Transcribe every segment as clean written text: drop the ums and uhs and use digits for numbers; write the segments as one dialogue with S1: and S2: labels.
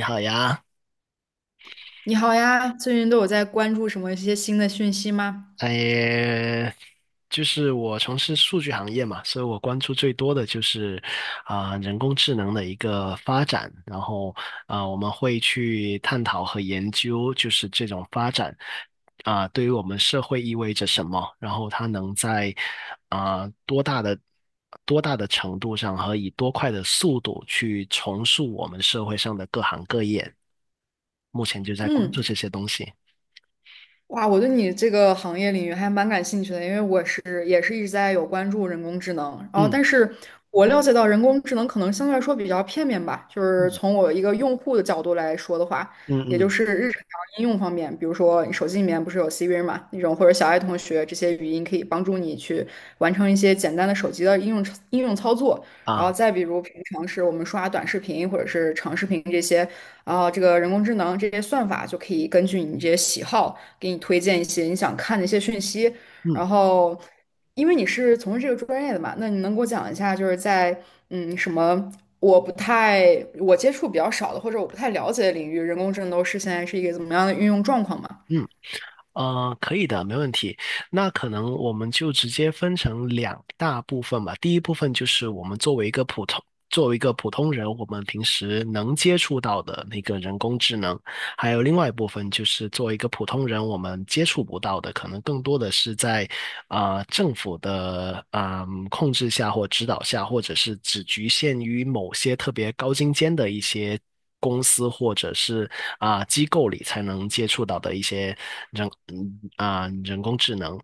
S1: 你好呀。
S2: 你好呀，最近都有在关注什么一些新的讯息吗？
S1: 哎，就是我从事数据行业嘛，所以我关注最多的就是人工智能的一个发展，然后我们会去探讨和研究，就是这种发展对于我们社会意味着什么，然后它能在啊、多大的多大的程度上和以多快的速度去重塑我们社会上的各行各业，目前就在关
S2: 嗯，
S1: 注这些东西。
S2: 哇，我对你这个行业领域还蛮感兴趣的，因为也是一直在有关注人工智能，然后但
S1: 嗯
S2: 是我了解到人工智能可能相对来说比较片面吧，就是
S1: 嗯
S2: 从我一个用户的角度来说的话，
S1: 嗯
S2: 也就
S1: 嗯
S2: 是日常应用方面，比如说你手机里面不是有 Siri 嘛，那种或者小爱同学这些语音可以帮助你去完成一些简单的手机的应用操作，然后
S1: 啊。
S2: 再比如平常是我们刷短视频或者是长视频这些。然后这个人工智能这些算法就可以根据你这些喜好，给你推荐一些你想看的一些讯息。
S1: 嗯
S2: 然后，因为你是从事这个专业的嘛，那你能给我讲一下，就是在嗯什么我不太我接触比较少的，或者我不太了解的领域，人工智能都是现在是一个怎么样的运用状况吗？
S1: 嗯，可以的，没问题。那可能我们就直接分成两大部分吧。第一部分就是我们作为一个普通，作为一个普通人，我们平时能接触到的那个人工智能。还有另外一部分就是作为一个普通人，我们接触不到的，可能更多的是在政府的控制下或指导下，或者是只局限于某些特别高精尖的一些。公司或者是机构里才能接触到的一些人嗯啊、呃人工智能。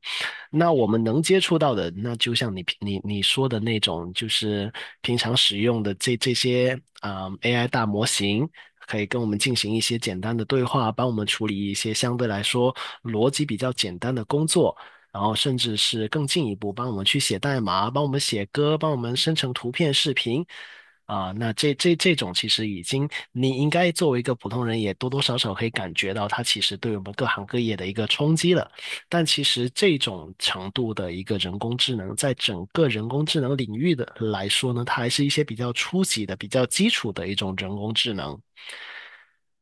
S1: 那我们能接触到的，那就像你说的那种，就是平常使用的这些AI 大模型，可以跟我们进行一些简单的对话，帮我们处理一些相对来说逻辑比较简单的工作，然后甚至是更进一步帮我们去写代码、帮我们写歌、帮我们生成图片、视频。那这种其实已经，你应该作为一个普通人，也多多少少可以感觉到它其实对我们各行各业的一个冲击了。但其实这种程度的一个人工智能，在整个人工智能领域的来说呢，它还是一些比较初级的、比较基础的一种人工智能。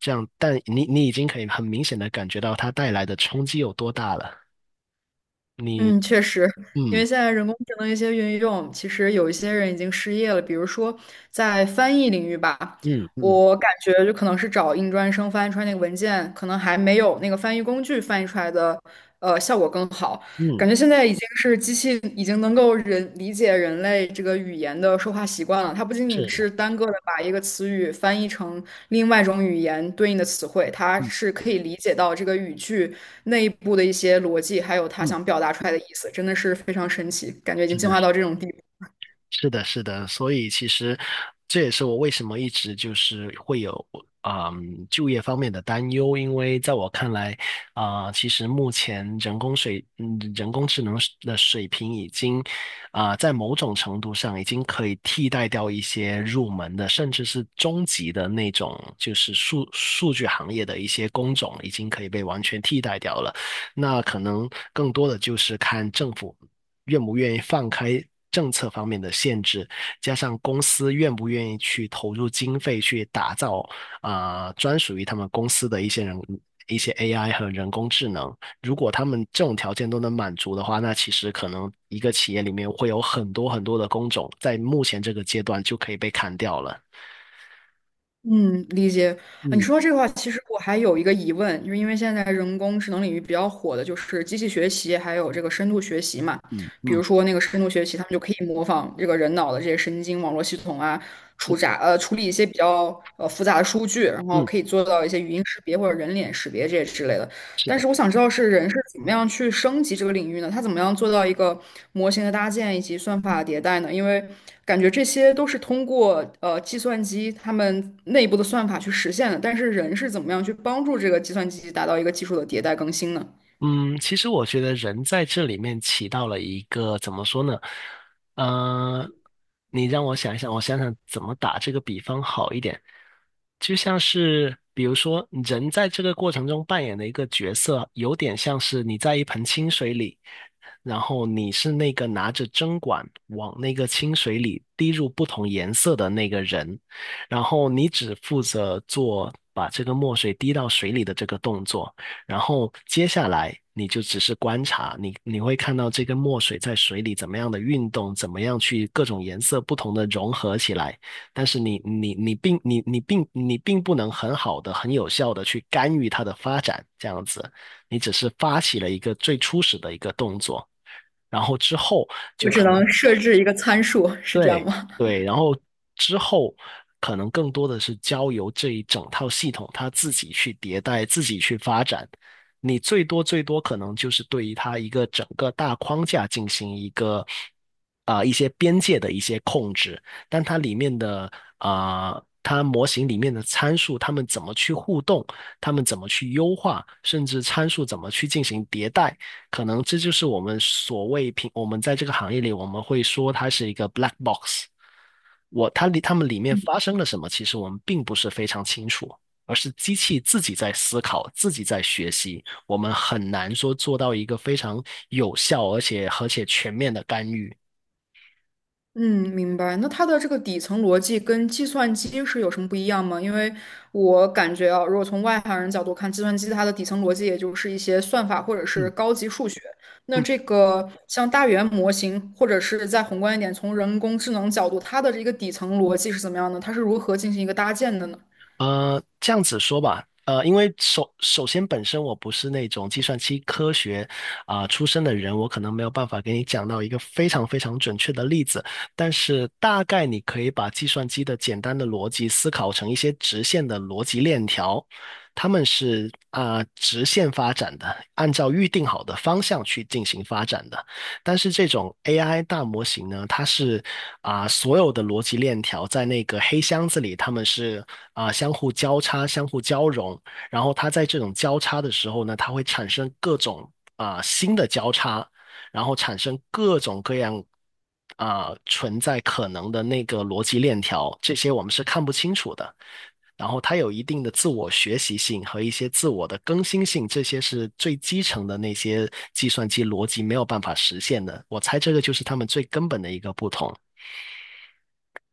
S1: 这样，但你已经可以很明显的感觉到它带来的冲击有多大了。
S2: 嗯，
S1: 你，
S2: 确实，因
S1: 嗯
S2: 为现在人工智能一些运用，其实有一些人已经失业了。比如说在翻译领域吧，
S1: 嗯嗯
S2: 我感觉就可能是找硬专生翻译出来那个文件，可能还没有那个翻译工具翻译出来的效果更好。
S1: 嗯，
S2: 感觉现在已经是机器已经能够人理解人类这个语言的说话习惯了。它不仅仅
S1: 是。
S2: 是单个的把一个词语翻译成另外一种语言对应的词汇，它
S1: 嗯
S2: 是可以理解到这个语句内部的一些逻辑，还有它
S1: 嗯，
S2: 想表达出来的意思，真的是非常神奇，感觉已经
S1: 是
S2: 进
S1: 的。
S2: 化到这种地步。
S1: 是的。所以其实这也是我为什么一直就是会有嗯就业方面的担忧，因为在我看来，其实目前人工智能水的水平已经在某种程度上已经可以替代掉一些入门的，甚至是中级的那种，就是数据行业的一些工种已经可以被完全替代掉了。那可能更多的就是看政府。愿不愿意放开政策方面的限制，加上公司愿不愿意去投入经费去打造专属于他们公司的一些 AI 和人工智能。如果他们这种条件都能满足的话，那其实可能一个企业里面会有很多很多的工种，在目前这个阶段就可以被砍掉了。
S2: 嗯，理解啊。你
S1: 嗯
S2: 说到这个话，其实我还有一个疑问，就是因为现在人工智能领域比较火的就是机器学习，还有这个深度学习嘛。
S1: 嗯
S2: 比
S1: 嗯
S2: 如说那个深度学习，他们就可以模仿这个人脑的这些神经网络系统啊，
S1: 嗯
S2: 处理一些比较复杂的数据，然后
S1: 嗯，
S2: 可以做到一些语音识别或者人脸识别这些之类的。
S1: 是
S2: 但
S1: 的。
S2: 是我想知道是人是怎么样去升级这个领域呢？他怎么样做到一个模型的搭建以及算法迭代呢？因为感觉这些都是通过计算机他们内部的算法去实现的，但是人是怎么样去帮助这个计算机达到一个技术的迭代更新呢？
S1: 嗯，其实我觉得人在这里面起到了一个怎么说呢？呃，你让我想一想，我想想怎么打这个比方好一点。就像是比如说，人在这个过程中扮演的一个角色，有点像是你在一盆清水里。然后你是那个拿着针管往那个清水里滴入不同颜色的那个人，然后你只负责做把这个墨水滴到水里的这个动作，然后接下来你就只是观察，你会看到这个墨水在水里怎么样的运动，怎么样去各种颜色不同的融合起来，但是你并不能很好的、很有效的去干预它的发展，这样子。你只是发起了一个最初始的一个动作，然后之后就
S2: 我只
S1: 可能
S2: 能设置一个参数，是这样
S1: 对。
S2: 吗？
S1: 对，然后之后可能更多的是交由这一整套系统它自己去迭代、自己去发展。你最多最多可能就是对于它一个整个大框架进行一个一些边界的一些控制，但它里面的它模型里面的参数，它们怎么去互动，它们怎么去优化，甚至参数怎么去进行迭代。可能这就是我们所谓平，我们在这个行业里，我们会说它是一个 black box。我，它里，它们里面发生了什么，其实我们并不是非常清楚，而是机器自己在思考，自己在学习，我们很难说做到一个非常有效而且全面的干预。
S2: 嗯，明白。那它的这个底层逻辑跟计算机是有什么不一样吗？因为我感觉啊，如果从外行人角度看，计算机它的底层逻辑也就是一些算法或者是
S1: 嗯
S2: 高级数学。那
S1: 嗯，
S2: 这个像大语言模型，或者是再宏观一点，从人工智能角度，它的这个底层逻辑是怎么样的？它是如何进行一个搭建的呢？
S1: 这样子说吧，因为首先本身我不是那种计算机科学出身的人，我可能没有办法给你讲到一个非常非常准确的例子，但是大概你可以把计算机的简单的逻辑思考成一些直线的逻辑链条，他们是直线发展的，按照预定好的方向去进行发展的。但是这种 AI 大模型呢，它是所有的逻辑链条在那个黑箱子里，它们是相互交叉、相互交融，然后它在这种交叉的时候呢，它会产生各种新的交叉，然后产生各种各样。存在可能的那个逻辑链条，这些我们是看不清楚的。然后它有一定的自我学习性和一些自我的更新性，这些是最基层的那些计算机逻辑没有办法实现的。我猜这个就是他们最根本的一个不同。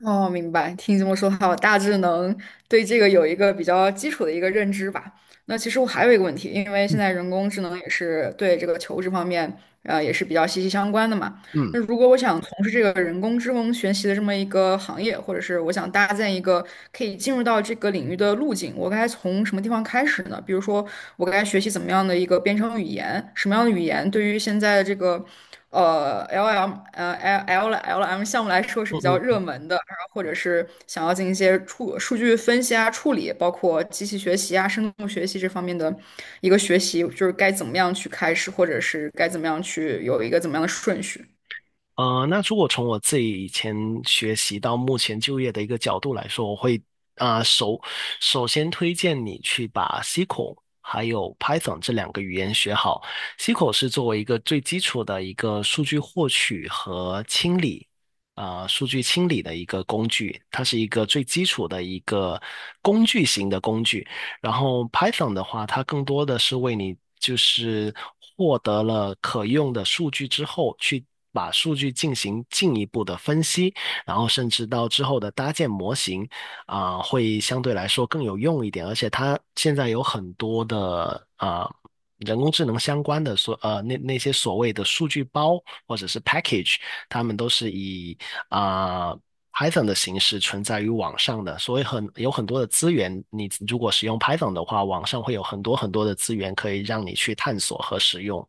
S2: 哦，明白。听你这么说的话，我大致能对这个有一个比较基础的一个认知吧。那其实我还有一个问题，因为现
S1: 嗯
S2: 在人工智能也是对这个求职方面，也是比较息息相关的嘛。
S1: 嗯
S2: 那如果我想从事这个人工智能学习的这么一个行业，或者是我想搭建一个可以进入到这个领域的路径，我该从什么地方开始呢？比如说，我该学习怎么样的一个编程语言？什么样的语言对于现在的这个LM L L LM 项目来说是
S1: 嗯
S2: 比较热
S1: 嗯。
S2: 门的？然后或者是想要进行一些数据分析啊、处理，包括机器学习啊、深度学习这方面的一个学习，就是该怎么样去开始，或者是该怎么样去有一个怎么样的顺序？
S1: 那如果从我自己以前学习到目前就业的一个角度来说，我会啊、呃首首先推荐你去把 SQL 还有 Python 这两个语言学好。SQL 是作为一个最基础的一个数据获取和清理数据清理的一个工具，它是一个最基础的一个工具型的工具。然后 Python 的话，它更多的是为你就是获得了可用的数据之后，去把数据进行进一步的分析，然后甚至到之后的搭建模型会相对来说更有用一点。而且它现在有很多的人工智能相关的那些所谓的数据包或者是 package,他们都是以啊。Python 的形式存在于网上的，所以很有很多的资源。你如果使用 Python 的话，网上会有很多很多的资源可以让你去探索和使用。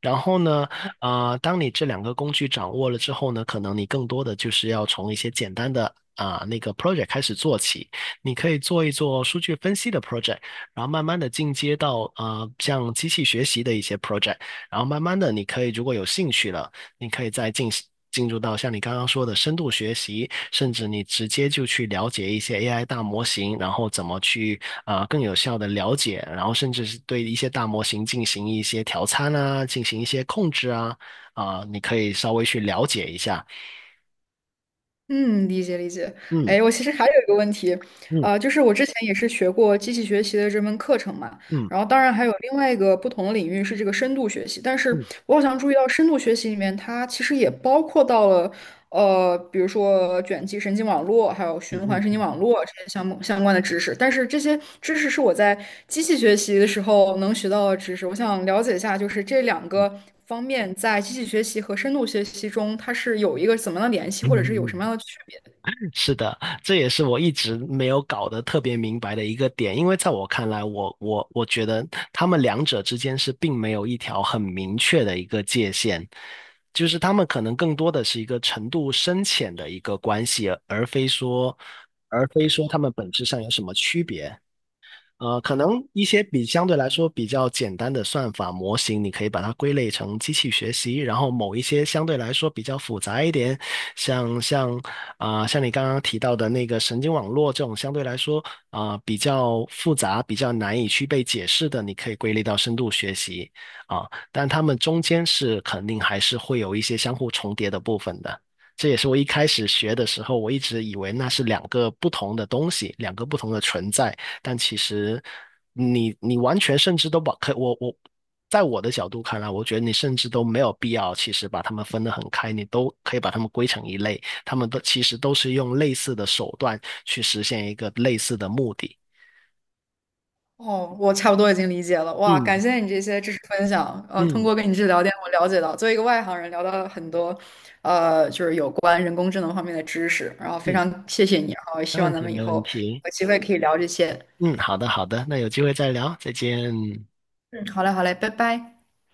S1: 然后呢，当你这两个工具掌握了之后呢，可能你更多的就是要从一些简单的那个 project 开始做起。你可以做一做数据分析的 project,然后慢慢的进阶到像机器学习的一些 project,然后慢慢的你可以如果有兴趣了。你可以再进行进入到像你刚刚说的深度学习，甚至你直接就去了解一些 AI 大模型，然后怎么去更有效的了解，然后甚至是对一些大模型进行一些调参啊，进行一些控制啊，你可以稍微去了解一下。
S2: 嗯，理解理解。哎，我其实还有一个问题，就是我之前也是学过机器学习的这门课程嘛，
S1: 嗯
S2: 然后当然还有另外一个不同的领域是这个深度学习，但是
S1: 嗯
S2: 我好像注意到深度学习里面它其实也包括到了，比如说卷积神经网络，还有
S1: 嗯
S2: 循环
S1: 嗯
S2: 神经
S1: 嗯
S2: 网络这些相关的知识。但是这些知识是我在机器学习的时候能学到的知识。我想了解一下，就是这两个方面在机器学习和深度学习中，它是有一个怎么样的联系，
S1: 嗯
S2: 或
S1: 嗯嗯
S2: 者是
S1: 嗯嗯。嗯
S2: 有什么样
S1: 嗯
S2: 的区别？
S1: 是的，这也是我一直没有搞得特别明白的一个点，因为在我看来，我觉得他们两者之间是并没有一条很明确的一个界限，就是他们可能更多的是一个程度深浅的一个关系，而非说他们本质上有什么区别。可能一些相对来说比较简单的算法模型，你可以把它归类成机器学习。然后某一些相对来说比较复杂一点，像像像你刚刚提到的那个神经网络这种相对来说比较复杂、比较难以去被解释的，你可以归类到深度学习。啊、但它们中间是肯定还是会有一些相互重叠的部分的。这也是我一开始学的时候，我一直以为那是两个不同的东西，两个不同的存在。但其实你你完全甚至都把可我我在我的角度看来，我觉得你甚至都没有必要，其实把他们分得很开，你都可以把他们归成一类，他们都其实都是用类似的手段去实现一个类似的目的。
S2: 哦，我差不多已经理解了。哇，感
S1: 嗯
S2: 谢你这些知识分享。通
S1: 嗯
S2: 过跟你这聊天，我了解到，作为一个外行人，聊到了很多，就是有关人工智能方面的知识。然后非
S1: 嗯，
S2: 常谢谢你，然后
S1: 没
S2: 希望
S1: 问
S2: 咱
S1: 题，
S2: 们以
S1: 没问
S2: 后
S1: 题。
S2: 有机会可以聊这些。
S1: 嗯，好的好的，那有机会再聊，再见。
S2: 嗯，好嘞，好嘞，拜拜。